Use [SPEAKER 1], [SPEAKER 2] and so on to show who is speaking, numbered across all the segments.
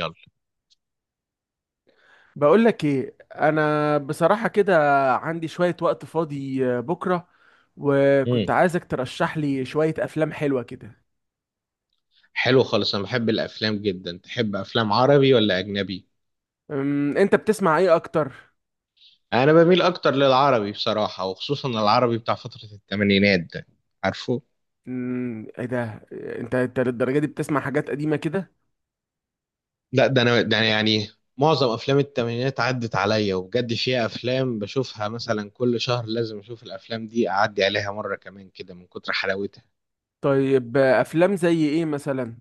[SPEAKER 1] يلا.
[SPEAKER 2] بقول لك ايه؟ انا بصراحة كده عندي شوية وقت فاضي، بكرة، وكنت
[SPEAKER 1] امم
[SPEAKER 2] عايزك ترشح لي شوية افلام حلوة كده.
[SPEAKER 1] حلو خالص، انا بحب الافلام جدا. تحب افلام عربي ولا اجنبي؟
[SPEAKER 2] انت بتسمع ايه اكتر؟
[SPEAKER 1] انا بميل اكتر للعربي بصراحه، وخصوصا العربي بتاع فتره الثمانينات ده، عارفه؟
[SPEAKER 2] ايه ده، انت للدرجة دي بتسمع حاجات قديمة كده؟
[SPEAKER 1] لا ده أنا يعني معظم افلام الثمانينات عدت عليا، وبجد فيها افلام بشوفها مثلا كل شهر، لازم اشوف الافلام دي اعدي عليها مره كمان كده من كتر حلاوتها.
[SPEAKER 2] طيب، افلام زي ايه مثلا؟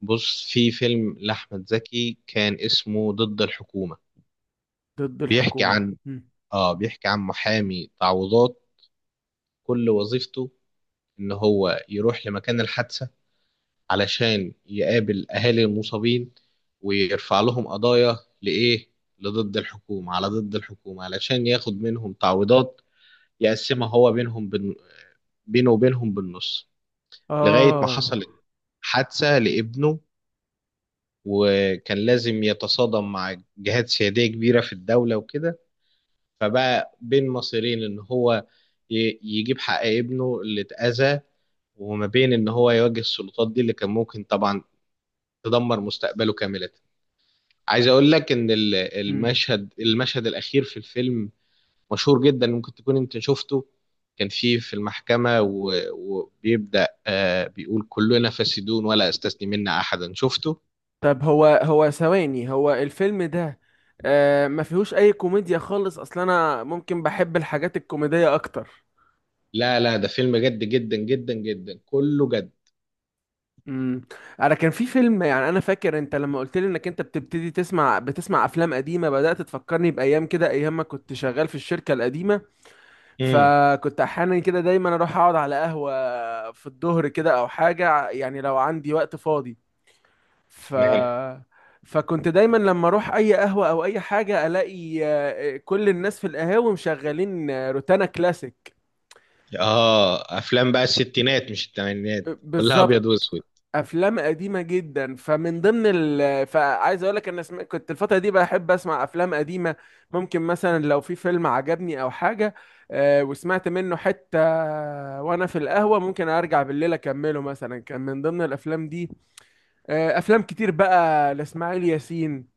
[SPEAKER 1] بص، في فيلم لاحمد زكي كان اسمه ضد الحكومه،
[SPEAKER 2] ضد
[SPEAKER 1] بيحكي
[SPEAKER 2] الحكومة.
[SPEAKER 1] عن
[SPEAKER 2] مم.
[SPEAKER 1] اه بيحكي عن محامي تعويضات، كل وظيفته ان هو يروح لمكان الحادثة علشان يقابل اهالي المصابين، ويرفع لهم قضايا لايه؟ لضد الحكومة على ضد الحكومة، علشان ياخد منهم تعويضات يقسمها هو بينهم بينه وبينهم بالنص. لغاية ما
[SPEAKER 2] اه.
[SPEAKER 1] حصل حادثة لابنه، وكان لازم يتصادم مع جهات سيادية كبيرة في الدولة وكده، فبقى بين مصيرين، ان هو يجيب حق ابنه اللي اتأذى، وما بين ان هو يواجه السلطات دي اللي كان ممكن طبعا تدمر مستقبله كاملة. عايز اقول لك ان ال-
[SPEAKER 2] مم.
[SPEAKER 1] المشهد المشهد الاخير في الفيلم مشهور جدا، ممكن تكون انت شفته، كان فيه في المحكمة وبيبدأ بيقول كلنا فاسدون ولا استثني منا احدا، شفته؟
[SPEAKER 2] طب هو ثواني، هو الفيلم ده آه ما فيهوش اي كوميديا خالص اصلا؟ انا ممكن بحب الحاجات الكوميدية اكتر.
[SPEAKER 1] لا لا، ده فيلم جد جدا جدا جدا، كله جد.
[SPEAKER 2] امم. انا كان في فيلم، يعني انا فاكر انت لما قلت لي انك انت بتبتدي تسمع افلام قديمه، بدات تفكرني بايام كده، ايام ما كنت شغال في الشركه القديمه.
[SPEAKER 1] امم
[SPEAKER 2] فكنت احيانا كده دايما اروح اقعد على قهوه في الظهر كده، او حاجه، يعني لو عندي وقت فاضي. ف
[SPEAKER 1] تمام.
[SPEAKER 2] فكنت دايما لما اروح اي قهوه او اي حاجه الاقي كل الناس في القهاوي مشغلين روتانا كلاسيك.
[SPEAKER 1] اه، افلام بقى الستينات مش الثمانينات، كلها
[SPEAKER 2] بالظبط.
[SPEAKER 1] ابيض واسود.
[SPEAKER 2] افلام قديمه جدا، فمن ضمن فعايز اقول لك انا كنت الفتره دي بحب اسمع افلام قديمه. ممكن مثلا لو في فيلم عجبني او حاجه، وسمعت منه حتى وانا في القهوه، ممكن ارجع بالليل اكمله. مثلا كان من ضمن الافلام دي افلام كتير بقى لاسماعيل ياسين.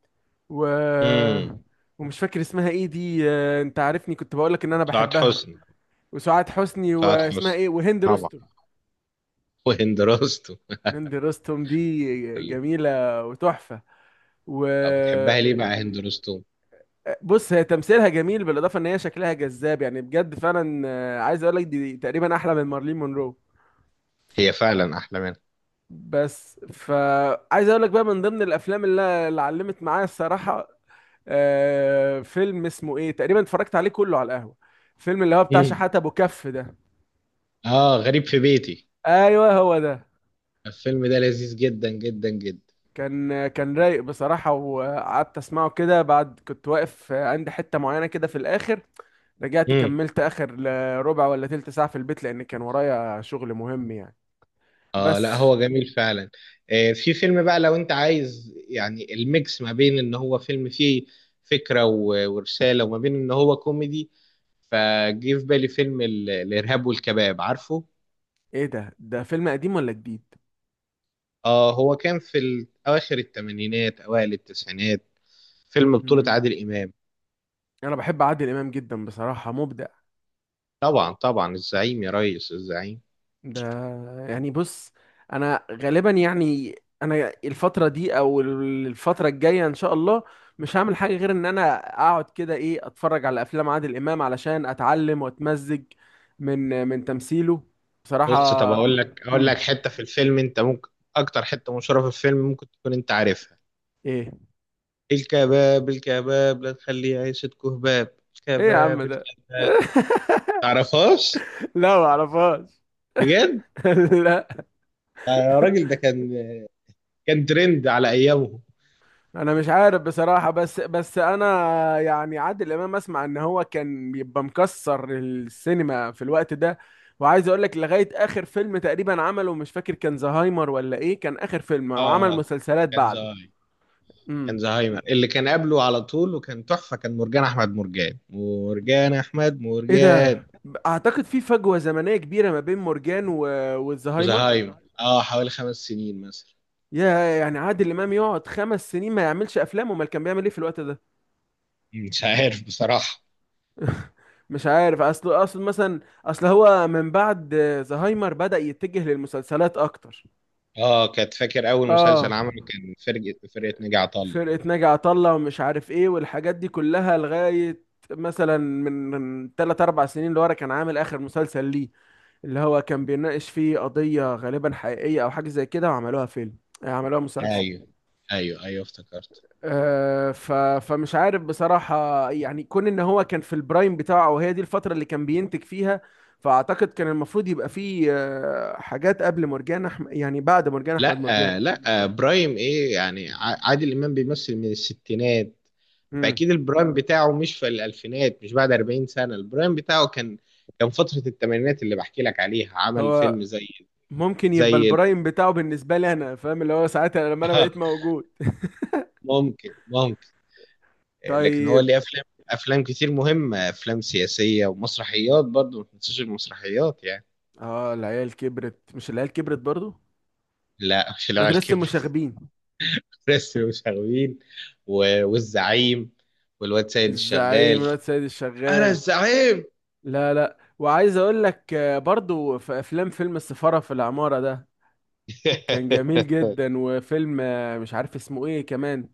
[SPEAKER 2] و
[SPEAKER 1] امم
[SPEAKER 2] ومش فاكر اسمها ايه دي، انت عارفني، كنت بقول لك ان انا
[SPEAKER 1] سعاد
[SPEAKER 2] بحبها.
[SPEAKER 1] حسني.
[SPEAKER 2] وسعاد حسني،
[SPEAKER 1] سعاد
[SPEAKER 2] واسمها
[SPEAKER 1] حسني
[SPEAKER 2] ايه، وهند
[SPEAKER 1] طبعا،
[SPEAKER 2] رستم.
[SPEAKER 1] وهند رستم.
[SPEAKER 2] هند رستم دي
[SPEAKER 1] ال-
[SPEAKER 2] جميلة وتحفة. و
[SPEAKER 1] بتحبها ليه بقى هند رستم؟
[SPEAKER 2] بص، هي تمثيلها جميل، بالإضافة إن هي شكلها جذاب، يعني بجد فعلا، عايز أقول لك دي تقريبا أحلى من مارلين مونرو.
[SPEAKER 1] هي فعلا احلى منها.
[SPEAKER 2] بس فعايز أقول لك بقى من ضمن الأفلام اللي علمت معايا الصراحة، فيلم اسمه إيه تقريبا، اتفرجت عليه كله على القهوة. فيلم اللي هو بتاع
[SPEAKER 1] مم.
[SPEAKER 2] شحاتة أبو كف ده.
[SPEAKER 1] اه، غريب في بيتي،
[SPEAKER 2] أيوه، هو ده.
[SPEAKER 1] الفيلم ده لذيذ جدا جدا جدا.
[SPEAKER 2] كان رايق بصراحة، وقعدت أسمعه كده بعد، كنت واقف عند حتة معينة كده في الآخر. رجعت
[SPEAKER 1] امم
[SPEAKER 2] كملت اخر ربع ولا تلت ساعة في البيت، لان كان ورايا شغل مهم يعني.
[SPEAKER 1] اه لا،
[SPEAKER 2] بس.
[SPEAKER 1] هو جميل فعلا. آه، في فيلم بقى لو انت عايز يعني الميكس ما بين ان هو فيلم فيه فكرة ورسالة، وما بين ان هو كوميدي، فجه في بالي فيلم الارهاب والكباب، عارفه؟
[SPEAKER 2] ايه ده فيلم قديم ولا جديد؟
[SPEAKER 1] اه، هو كان في اواخر الثمانينات اوائل التسعينات، فيلم بطولة
[SPEAKER 2] مم.
[SPEAKER 1] عادل امام.
[SPEAKER 2] انا بحب عادل امام جدا بصراحة، مبدع.
[SPEAKER 1] طبعا طبعا، الزعيم يا ريس، الزعيم.
[SPEAKER 2] ده يعني بص، انا غالبا، يعني انا الفترة دي او الفترة الجاية ان شاء الله مش هعمل حاجة غير ان انا اقعد كده ايه، اتفرج على افلام عادل امام علشان اتعلم واتمزج من تمثيله بصراحة.
[SPEAKER 1] بص، طب اقول لك اقول
[SPEAKER 2] مم.
[SPEAKER 1] لك حته في الفيلم انت ممكن، اكتر حته مشهوره في الفيلم ممكن تكون انت عارفها:
[SPEAKER 2] ايه؟
[SPEAKER 1] الكباب الكباب لا تخليه عيشة كهباب،
[SPEAKER 2] ايه يا عم
[SPEAKER 1] الكباب
[SPEAKER 2] ده؟
[SPEAKER 1] الكباب. تعرفهاش؟
[SPEAKER 2] لا، ما اعرفهاش.
[SPEAKER 1] بجد.
[SPEAKER 2] لا.
[SPEAKER 1] آه يا راجل، ده كان ترند على ايامه.
[SPEAKER 2] انا مش عارف بصراحة، بس انا، يعني عادل امام اسمع ان هو كان بيبقى مكسر السينما في الوقت ده. وعايز اقول لك لغاية اخر فيلم تقريبا عمله، مش فاكر كان زهايمر ولا ايه، كان اخر فيلم وعمل
[SPEAKER 1] اه
[SPEAKER 2] مسلسلات
[SPEAKER 1] كان
[SPEAKER 2] بعده.
[SPEAKER 1] زهايمر، كان
[SPEAKER 2] امم.
[SPEAKER 1] زهايمر اللي كان قبله على طول، وكان تحفه، كان مرجان احمد مرجان. مرجان احمد
[SPEAKER 2] ايه ده؟
[SPEAKER 1] مرجان
[SPEAKER 2] اعتقد في فجوة زمنية كبيرة ما بين مرجان والزهايمر.
[SPEAKER 1] وزهايمر، اه حوالي خمس سنين مثلا.
[SPEAKER 2] يا يعني عادل امام يقعد 5 سنين ما يعملش افلام؟ امال كان بيعمل ايه في الوقت ده؟
[SPEAKER 1] مش عارف بصراحه.
[SPEAKER 2] مش عارف. اصل مثلا، اصل هو من بعد زهايمر بدأ يتجه للمسلسلات اكتر.
[SPEAKER 1] اه، كانت فاكر اول مسلسل
[SPEAKER 2] اه،
[SPEAKER 1] عمله كان فرقه ناجي طلة.
[SPEAKER 2] فرقة ناجي عطا الله، ومش عارف ايه، والحاجات دي كلها، لغاية مثلا من 3 4 سنين لورا كان عامل اخر مسلسل ليه، اللي هو كان بيناقش فيه قضية غالبا حقيقية او حاجة زي كده، وعملوها فيلم، عملوها مسلسل.
[SPEAKER 1] ايوه، ايوه ايوه افتكرت.
[SPEAKER 2] آه، ف... فمش عارف بصراحة، يعني كون ان هو كان في البرايم بتاعه وهي دي الفترة اللي كان بينتج فيها، فاعتقد كان المفروض يبقى فيه حاجات قبل مرجان، يعني بعد مرجان احمد
[SPEAKER 1] لا
[SPEAKER 2] مرجان.
[SPEAKER 1] آه، لا آه، برايم ايه يعني؟ عادل امام بيمثل من الستينات،
[SPEAKER 2] امم.
[SPEAKER 1] فاكيد البرايم بتاعه مش في الالفينات، مش بعد 40 سنه. البرايم بتاعه كان فتره الثمانينات اللي بحكي لك عليها، عمل
[SPEAKER 2] هو
[SPEAKER 1] فيلم زي
[SPEAKER 2] ممكن يبقى
[SPEAKER 1] زي ال-
[SPEAKER 2] البرايم بتاعه بالنسبة لي انا فاهم، اللي هو ساعتها لما انا بقيت موجود.
[SPEAKER 1] ممكن ممكن. آه، لكن هو
[SPEAKER 2] طيب.
[SPEAKER 1] ليه افلام كتير مهمه، افلام سياسيه، ومسرحيات برضه، ما تنساش المسرحيات يعني.
[SPEAKER 2] اه، العيال كبرت، مش العيال كبرت برضو.
[SPEAKER 1] لا، مش العيال
[SPEAKER 2] مدرسة
[SPEAKER 1] كبرت،
[SPEAKER 2] المشاغبين.
[SPEAKER 1] فريسلي وشغوين والزعيم، والواد سيد
[SPEAKER 2] الزعيم،
[SPEAKER 1] الشغال،
[SPEAKER 2] الواد سيد
[SPEAKER 1] انا
[SPEAKER 2] الشغال.
[SPEAKER 1] الزعيم.
[SPEAKER 2] لا لا، وعايز اقول لك برضو في افلام، فيلم السفارة في العمارة ده كان جميل جدا. وفيلم مش عارف اسمه ايه كمان،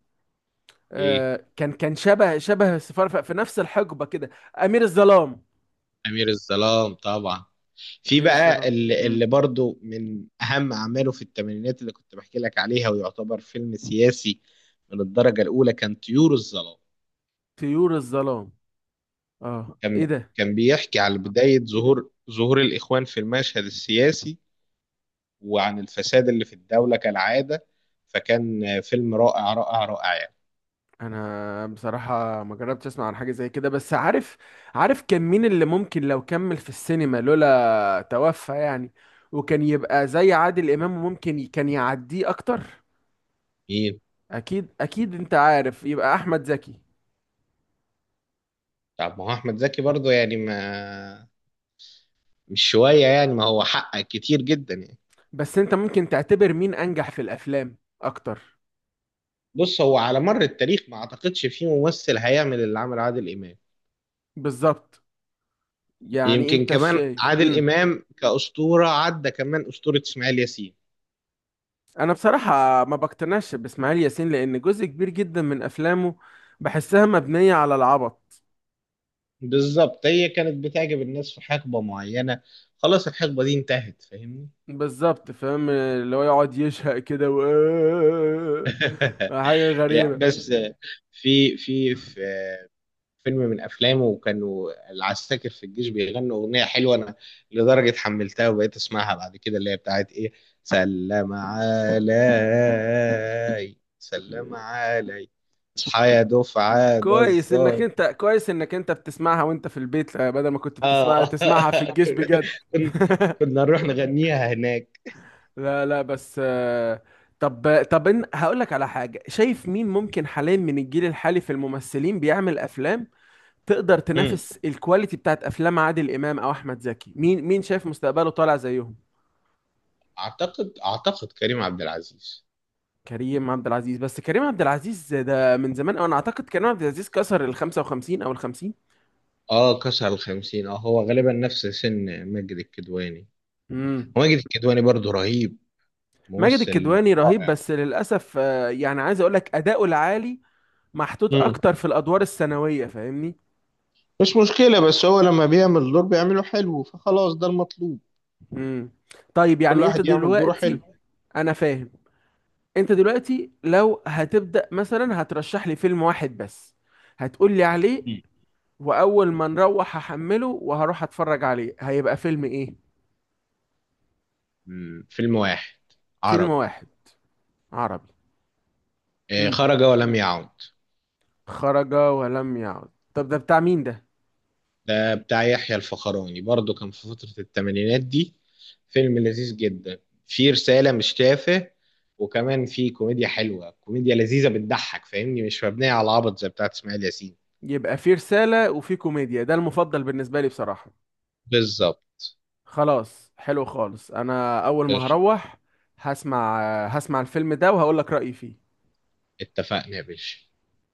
[SPEAKER 1] ايه؟
[SPEAKER 2] كان شبه السفارة، في نفس الحقبة كده. أمير الظلام.
[SPEAKER 1] امير الظلام طبعا. في
[SPEAKER 2] أمير
[SPEAKER 1] بقى
[SPEAKER 2] الظلام.
[SPEAKER 1] اللي,
[SPEAKER 2] مم.
[SPEAKER 1] اللي برضو من اهم اعماله في الثمانينات اللي كنت بحكي لك عليها، ويعتبر فيلم سياسي من الدرجه الاولى، كان طيور الظلام.
[SPEAKER 2] طيور الظلام. اه، ايه
[SPEAKER 1] كان
[SPEAKER 2] ده؟
[SPEAKER 1] كان بيحكي على بدايه ظهور الاخوان في المشهد السياسي، وعن الفساد اللي في الدوله كالعاده، فكان فيلم رائع رائع رائع.
[SPEAKER 2] انا بصراحة ما جربتش اسمع عن حاجة زي كده، بس عارف، عارف كان مين اللي ممكن لو كمل في السينما لولا توفى يعني، وكان يبقى زي عادل إمام، ممكن كان يعديه اكتر.
[SPEAKER 1] يعني،
[SPEAKER 2] اكيد اكيد، انت عارف، يبقى احمد زكي.
[SPEAKER 1] طب ما هو احمد زكي برضه يعني، ما مش شويه يعني، ما هو حقق كتير جدا يعني.
[SPEAKER 2] بس انت ممكن تعتبر مين انجح في الافلام اكتر؟
[SPEAKER 1] بص، هو على مر التاريخ ما اعتقدش في ممثل هيعمل اللي عمل عادل امام.
[SPEAKER 2] بالظبط. يعني
[SPEAKER 1] يمكن
[SPEAKER 2] انت
[SPEAKER 1] كمان
[SPEAKER 2] شايف.
[SPEAKER 1] عادل
[SPEAKER 2] امم.
[SPEAKER 1] امام كاسطوره عدى كمان اسطوره اسماعيل ياسين.
[SPEAKER 2] انا بصراحه ما بقتنعش باسماعيل ياسين، لان جزء كبير جدا من افلامه بحسها مبنيه على العبط.
[SPEAKER 1] بالظبط، هي كانت بتعجب الناس في حقبه معينه، خلاص الحقبه دي انتهت، فاهمني؟
[SPEAKER 2] بالظبط، فاهم اللي هو يقعد يشهق كده و حاجه
[SPEAKER 1] ده
[SPEAKER 2] غريبه.
[SPEAKER 1] بس حقيقي، في فيلم من افلامه، وكانوا العساكر في الجيش بيغنوا اغنيه حلوه. انا لدرجه حملتها وبقيت اسمعها بعد كده، اللي هي بتاعت ايه؟ سلم علي سلم علي، اصحى يا دفعه ده
[SPEAKER 2] كويس انك انت
[SPEAKER 1] الظابط.
[SPEAKER 2] كويس انك انت بتسمعها وانت في البيت، بدل ما كنت بتسمعها
[SPEAKER 1] اه
[SPEAKER 2] تسمعها في الجيش بجد.
[SPEAKER 1] كن- كنا نروح نغنيها هناك.
[SPEAKER 2] لا لا، بس طب هقول لك على حاجة، شايف مين ممكن حاليا من الجيل الحالي في الممثلين بيعمل أفلام تقدر
[SPEAKER 1] مم.
[SPEAKER 2] تنافس الكواليتي بتاعت أفلام عادل إمام أو أحمد زكي؟ مين شايف مستقبله طالع زيهم؟
[SPEAKER 1] اعتقد كريم عبد العزيز.
[SPEAKER 2] كريم عبد العزيز. بس كريم عبد العزيز ده من زمان، أو أنا أعتقد كريم عبد العزيز كسر ال 55 أو ال 50.
[SPEAKER 1] اه كسر الخمسين، اه هو غالبا نفس سن ماجد الكدواني،
[SPEAKER 2] امم.
[SPEAKER 1] وماجد الكدواني برضه رهيب،
[SPEAKER 2] ماجد
[SPEAKER 1] ممثل
[SPEAKER 2] الكدواني رهيب
[SPEAKER 1] رائع.
[SPEAKER 2] بس للأسف، يعني عايز أقول لك أداؤه العالي محطوط أكتر في الأدوار الثانوية، فاهمني.
[SPEAKER 1] مش مشكلة، بس هو لما بيعمل دور بيعمله حلو، فخلاص ده المطلوب.
[SPEAKER 2] امم. طيب،
[SPEAKER 1] كل
[SPEAKER 2] يعني انت
[SPEAKER 1] واحد يعمل دوره حلو.
[SPEAKER 2] دلوقتي، انا فاهم، انت دلوقتي لو هتبدأ مثلا هترشح لي فيلم واحد بس، هتقول لي عليه؟
[SPEAKER 1] مم.
[SPEAKER 2] واول ما نروح هحمله وهروح اتفرج عليه، هيبقى فيلم ايه؟
[SPEAKER 1] مم. فيلم واحد
[SPEAKER 2] فيلم
[SPEAKER 1] عربي،
[SPEAKER 2] واحد، عربي. امم.
[SPEAKER 1] خرج ولم يعد.
[SPEAKER 2] خرج ولم يعد. طب ده بتاع مين ده؟
[SPEAKER 1] ده بتاع يحيى الفخراني، برضو كان في فترة الثمانينات دي، فيلم لذيذ جدا، فيه رسالة مش تافه، وكمان فيه كوميديا حلوة، كوميديا لذيذة بتضحك، فاهمني؟ مش مبنية على العبط زي بتاعت اسماعيل ياسين.
[SPEAKER 2] يبقى فيه رسالة وفيه كوميديا، ده المفضل بالنسبة لي بصراحة.
[SPEAKER 1] بالظبط.
[SPEAKER 2] خلاص، حلو خالص، انا اول ما
[SPEAKER 1] قشطة.
[SPEAKER 2] هروح هسمع هسمع الفيلم ده وهقول لك رأيي فيه.
[SPEAKER 1] اتفقنا يا باشا.